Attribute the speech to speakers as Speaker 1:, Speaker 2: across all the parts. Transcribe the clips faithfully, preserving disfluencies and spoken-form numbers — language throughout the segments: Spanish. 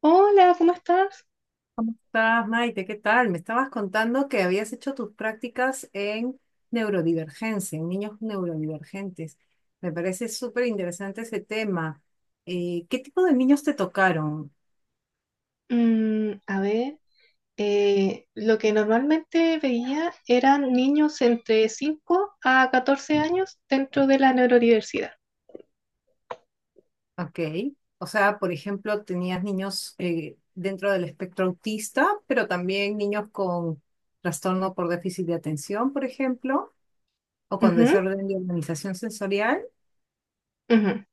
Speaker 1: Hola, ¿cómo estás?
Speaker 2: ¿Estás, Maite? ¿Qué tal? Me estabas contando que habías hecho tus prácticas en neurodivergencia, en niños neurodivergentes. Me parece súper interesante ese tema. Eh, ¿qué tipo de niños te tocaron?
Speaker 1: Mm, a ver, eh, lo que normalmente veía eran niños entre cinco a catorce años dentro de la neurodiversidad.
Speaker 2: Ok. O sea, por ejemplo, tenías niños eh, dentro del espectro autista, pero también niños con trastorno por déficit de atención, por ejemplo, o con
Speaker 1: Ujú,
Speaker 2: desorden de organización sensorial.
Speaker 1: ujú.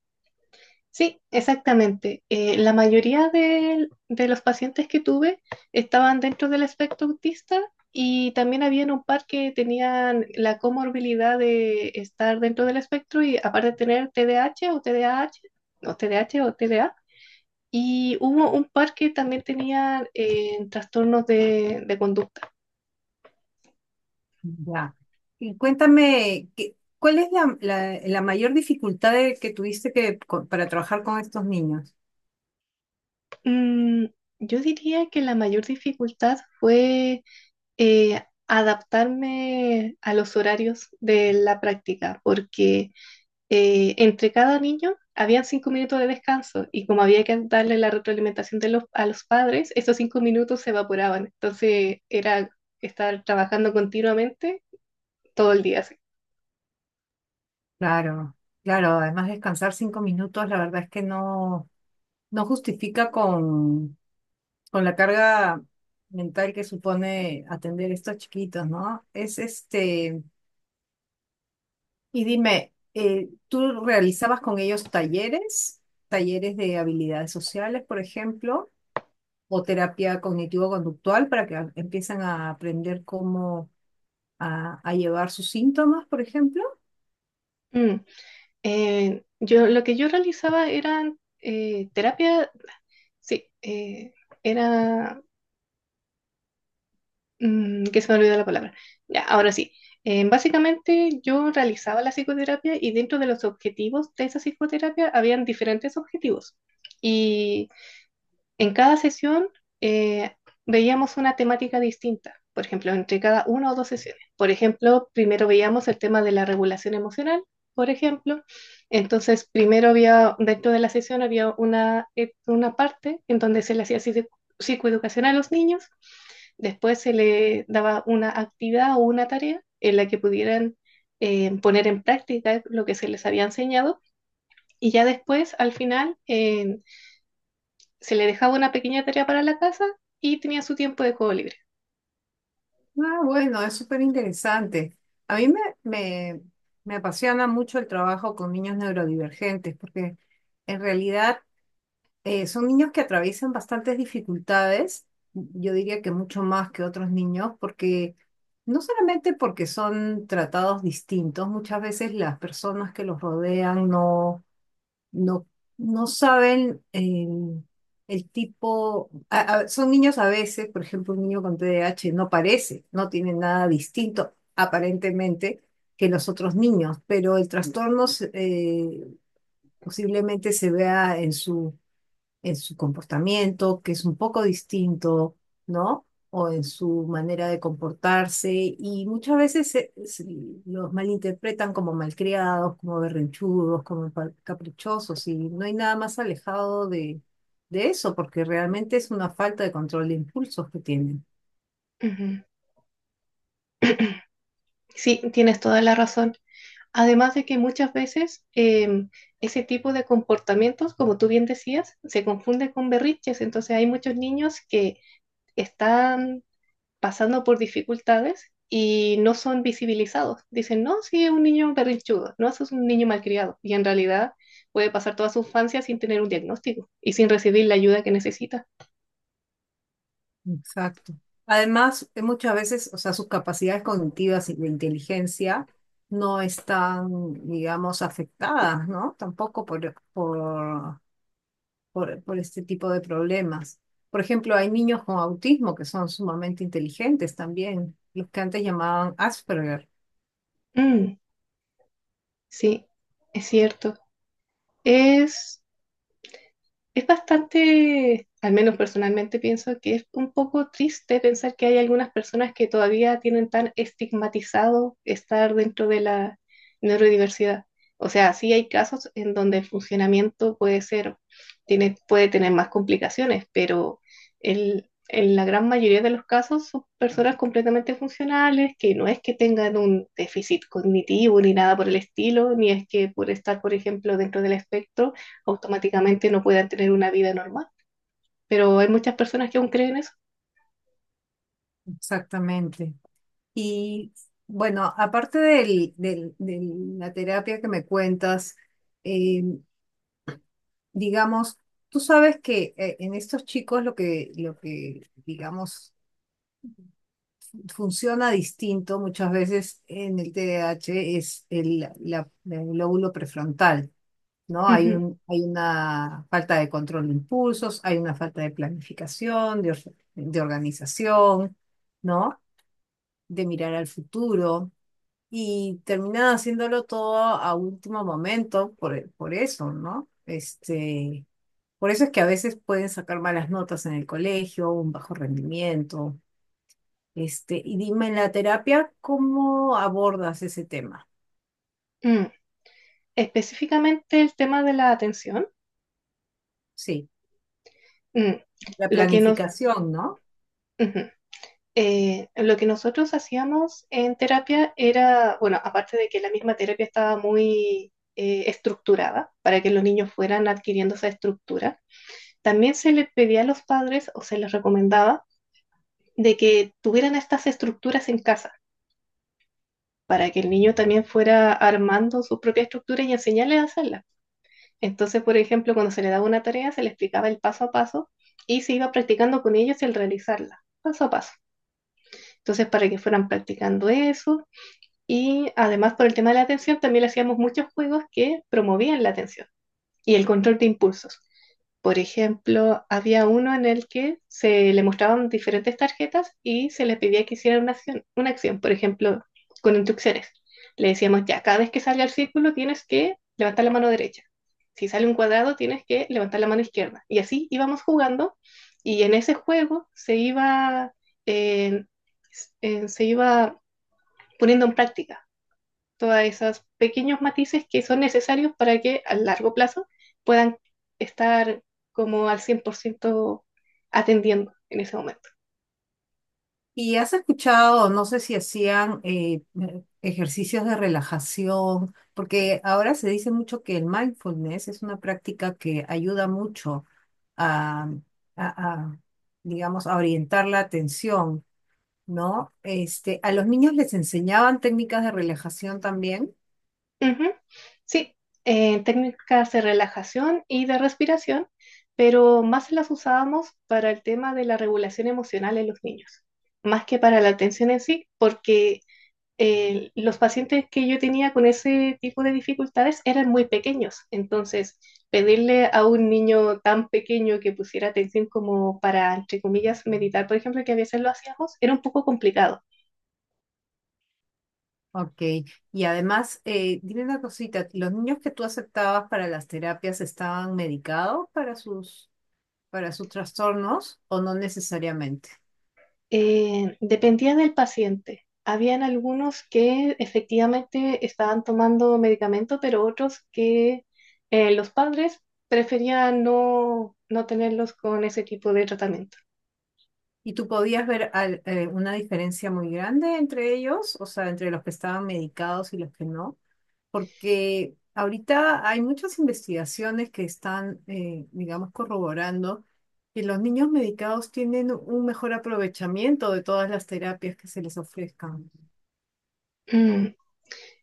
Speaker 1: Sí, exactamente. Eh, la mayoría del- de, los pacientes que tuve estaban dentro del espectro autista, y también habían un par que tenían la comorbilidad de estar dentro del espectro y aparte de tener T D A H o T D A H o T D A H o TDA. Y hubo un par que también tenían eh, trastornos de, de conducta.
Speaker 2: Ya. Y cuéntame, ¿qué- ¿cuál es la, la- la mayor dificultad de- que tuviste que, co- para trabajar con estos niños?
Speaker 1: Mm, yo diría que la mayor dificultad fue eh, adaptarme a los horarios de la práctica, porque eh, entre cada niño había cinco minutos de descanso y como había que darle la retroalimentación de los, a los padres, esos cinco minutos se evaporaban. Entonces era estar trabajando continuamente todo el día así.
Speaker 2: Claro, claro, además descansar cinco minutos, la verdad es que no, no justifica con, con la carga mental que supone atender estos chiquitos, ¿no? Es este, y dime, eh, ¿tú realizabas con ellos talleres? ¿Talleres de habilidades sociales, por ejemplo? O terapia cognitivo-conductual para que a- empiecen a aprender cómo a, a llevar sus síntomas, por ejemplo.
Speaker 1: Mm. Eh, yo, lo que yo realizaba eran eh, terapia, sí, eh, era Mm, que se me olvidó la palabra. Ya, ahora sí. Eh, básicamente yo realizaba la psicoterapia y dentro de los objetivos de esa psicoterapia habían diferentes objetivos. En cada sesión eh, veíamos una temática distinta, por ejemplo, entre cada una o dos sesiones. Por ejemplo, primero veíamos el tema de la regulación emocional, por ejemplo. Entonces, primero había, dentro de la sesión había una, eh, una parte en donde se le hacía psicoeducación a los niños, después se le daba una actividad o una tarea en la que pudieran eh, poner en práctica lo que se les había enseñado, y ya después, al final, eh, se le dejaba una pequeña tarea para la casa y tenía su tiempo de juego libre.
Speaker 2: Ah, bueno, es súper interesante. A mí me, me, me apasiona mucho el trabajo con niños neurodivergentes porque en realidad eh, son niños que atraviesan bastantes dificultades, yo diría que mucho más que otros niños porque... No solamente porque son tratados distintos, muchas veces las personas que los rodean no, no, no saben eh, el tipo, a- a- son niños a veces, por ejemplo, un niño con T D A H no parece, no tiene nada distinto aparentemente que los otros niños, pero el trastorno se- eh, posiblemente se vea en su en su comportamiento, que es un poco distinto, ¿no? O en su manera de comportarse. Y muchas veces se- se los malinterpretan como malcriados, como berrinchudos, como pa- caprichosos. Y no hay nada más alejado de, de eso, porque realmente es una falta de control de impulsos que tienen.
Speaker 1: Ujú. Sí, tienes toda la razón. Además de que muchas veces em, ese tipo de comportamientos, como tú bien decías, se confunde con berrinches. Entonces hay muchos niños que están pasando por dificultades y no son visibilizados. Dicen, no, sí, es un niño berrinchudo, no, eso es un niño malcriado. Y en realidad puede pasar toda su infancia sin tener un diagnóstico y sin recibir la ayuda que necesita.
Speaker 2: Exacto. Además, eh, muchas veces, o sea, sus capacidades cognitivas y de inteligencia no están, digamos, afectadas, ¿no? Tampoco por, por por, por este tipo de problemas. Por ejemplo, hay niños con autismo que son sumamente inteligentes también, los que antes llamaban Asperger,
Speaker 1: Mm, sí, es cierto. Es, es bastante, al menos personalmente pienso que es un poco triste pensar que hay algunas personas que todavía tienen tan estigmatizado estar dentro de la neurodiversidad. O sea, sí hay casos en donde el funcionamiento puede ser, tiene, puede tener más complicaciones, pero el- en la gran mayoría de los casos son personas completamente funcionales, que no es que tengan un déficit cognitivo ni nada por el estilo, ni es que por estar, por ejemplo, dentro del espectro automáticamente no puedan tener una vida normal. Pero hay muchas personas que aún creen eso.
Speaker 2: exactamente. Y bueno, aparte del, del- de la terapia que me cuentas, eh, digamos, tú sabes que eh, en estos chicos lo que, lo que, digamos, funciona distinto muchas veces en el T D A H es el, la- el lóbulo prefrontal. ¿No? Hay
Speaker 1: Ujú.
Speaker 2: un, hay una falta de control de impulsos, hay una falta de planificación, de, or- de organización, ¿no? De mirar al futuro y terminan haciéndolo todo a último momento por, por eso, ¿no? Este, por eso es que a veces pueden sacar malas notas en el colegio, un bajo rendimiento. Este, y dime en la terapia, ¿cómo abordas ese tema?
Speaker 1: Mm. Específicamente el tema de la atención.
Speaker 2: Sí,
Speaker 1: Mm.
Speaker 2: la
Speaker 1: Lo que nos,
Speaker 2: planificación, ¿no?
Speaker 1: Ujú. Eh, lo que nosotros hacíamos en terapia era, bueno, aparte de que la misma terapia estaba muy eh, estructurada para que los niños fueran adquiriendo esa estructura, también se les pedía a los padres o se les recomendaba de que tuvieran estas estructuras en casa para que el niño también fuera armando su propia estructura y enseñarle a hacerla. Entonces, por ejemplo, cuando se le daba una tarea, se le explicaba el paso a paso y se iba practicando con ellos el realizarla, paso a paso. Entonces, para que fueran practicando eso y además por el tema de la atención, también le hacíamos muchos juegos que promovían la atención y el control de impulsos. Por ejemplo, había uno en el que se le mostraban diferentes tarjetas y se le pedía que hiciera una acción, una acción, por ejemplo, con instrucciones. Le decíamos, ya, cada vez que salga el círculo tienes que levantar la mano derecha. Si sale un cuadrado tienes que levantar la mano izquierda. Y así íbamos jugando, y en ese juego se iba, eh, eh, se iba poniendo en práctica todos esos pequeños matices que son necesarios para que a largo plazo puedan estar como al cien por ciento atendiendo en ese momento.
Speaker 2: Y has escuchado, no sé si hacían eh, ejercicios de relajación, porque ahora se dice mucho que el mindfulness es una práctica que ayuda mucho a, a- a, digamos, a orientar la atención, ¿no? Este, a los niños les enseñaban técnicas de relajación también.
Speaker 1: Ujú. Sí, eh, técnicas de relajación y de respiración, pero más las usábamos para el tema de la regulación emocional en los niños, más que para la atención en sí, porque eh, los pacientes que yo tenía con ese tipo de dificultades eran muy pequeños, entonces pedirle a un niño tan pequeño que pusiera atención como para, entre comillas, meditar, por ejemplo, que a veces lo hacíamos, era un poco complicado.
Speaker 2: Ok, y además, eh, dime una cosita, ¿los niños que tú aceptabas para las terapias estaban medicados para sus, para sus trastornos o no necesariamente?
Speaker 1: Eh, dependía del paciente. Habían algunos que efectivamente estaban tomando medicamento, pero otros que eh, los padres preferían no, no tenerlos con ese tipo de tratamiento.
Speaker 2: ¿Y tú podías ver al- eh, una diferencia muy grande entre ellos? O sea, entre los que estaban medicados y los que no. Porque ahorita hay muchas investigaciones que están, eh, digamos, corroborando que los niños medicados tienen un mejor aprovechamiento de todas las terapias que se les ofrezcan.
Speaker 1: Mm.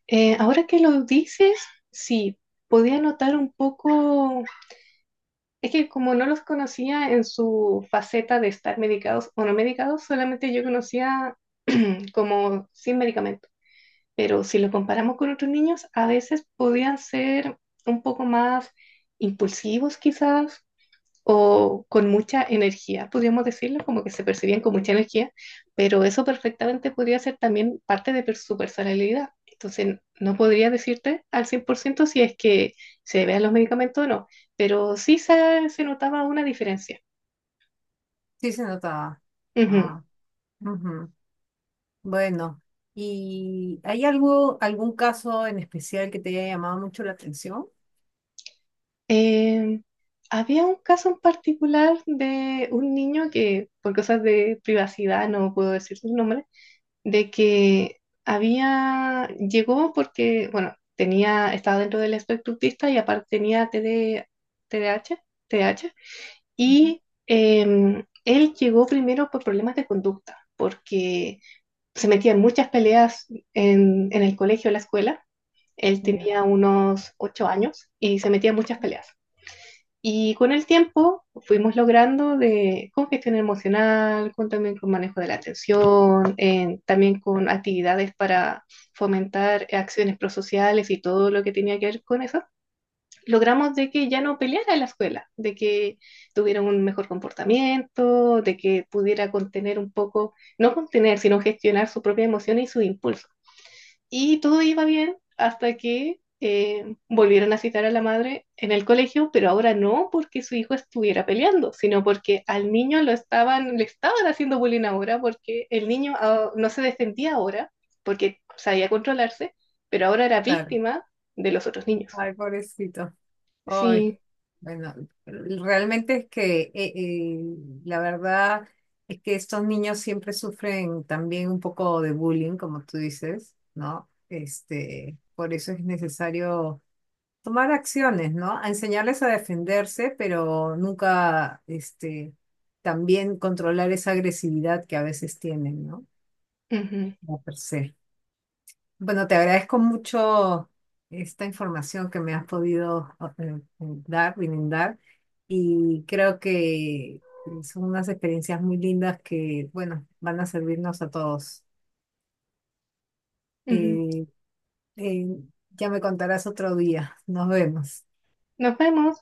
Speaker 1: Eh, ahora que lo dices, sí, podía notar un poco. Es que como no los conocía en su faceta de estar medicados o no medicados, solamente yo conocía como sin medicamento. Pero si lo comparamos con otros niños, a veces podían ser un poco más impulsivos quizás o con mucha energía, podríamos decirlo, como que se percibían con mucha energía, pero eso perfectamente podría ser también parte de per- su personalidad. Entonces, no podría decirte al cien por ciento si es que se debe a los medicamentos o no, pero sí se, se notaba una diferencia.
Speaker 2: Sí se notaba.
Speaker 1: Ujú.
Speaker 2: Ah, ujú. Bueno, ¿y hay algo, algún caso en especial que te haya llamado mucho la atención?
Speaker 1: Eh, Había un caso en particular de un niño que, por cosas de privacidad, no puedo decir su nombre, de que había, llegó porque, bueno, tenía, estaba dentro del espectro autista y aparte tenía T D, T D A H, T D A H, y em, él llegó primero por problemas de conducta, porque se metía en muchas peleas en, en el colegio, en la escuela. Él
Speaker 2: Ya.
Speaker 1: tenía unos ocho años y se metía en muchas peleas. Y con el tiempo fuimos logrando de, con gestión emocional, con, también con manejo de la atención, en- también con actividades para fomentar acciones prosociales y todo lo que tenía que ver con eso, logramos de que ya no peleara en la escuela, de que tuviera un mejor comportamiento, de que pudiera contener un poco, no contener, sino gestionar su propia emoción y sus impulsos. Y todo iba bien hasta que eh, volvieron a citar a la madre en el colegio, pero ahora no porque su hijo estuviera peleando, sino porque al niño lo estaban, le estaban haciendo bullying ahora, porque el niño ah, no se defendía ahora, porque sabía controlarse, pero ahora era
Speaker 2: Claro.
Speaker 1: víctima de los otros niños.
Speaker 2: Ay, pobrecito. Ay,
Speaker 1: Sí.
Speaker 2: bueno, realmente es que eh, eh, la verdad es que estos niños siempre sufren también un poco de bullying, como tú dices, ¿no? Este, por eso es necesario tomar acciones, ¿no? A enseñarles a defenderse, pero nunca, este, también controlar esa agresividad que a veces tienen, ¿no?
Speaker 1: Ujú,
Speaker 2: Como per se. Bueno, te agradezco mucho esta información que me has podido eh, eh, dar, brindar, y creo que son unas experiencias muy lindas que, bueno, van a servirnos a todos.
Speaker 1: ujú.
Speaker 2: Eh, eh, ya me contarás otro día. Nos vemos.
Speaker 1: Nos vemos.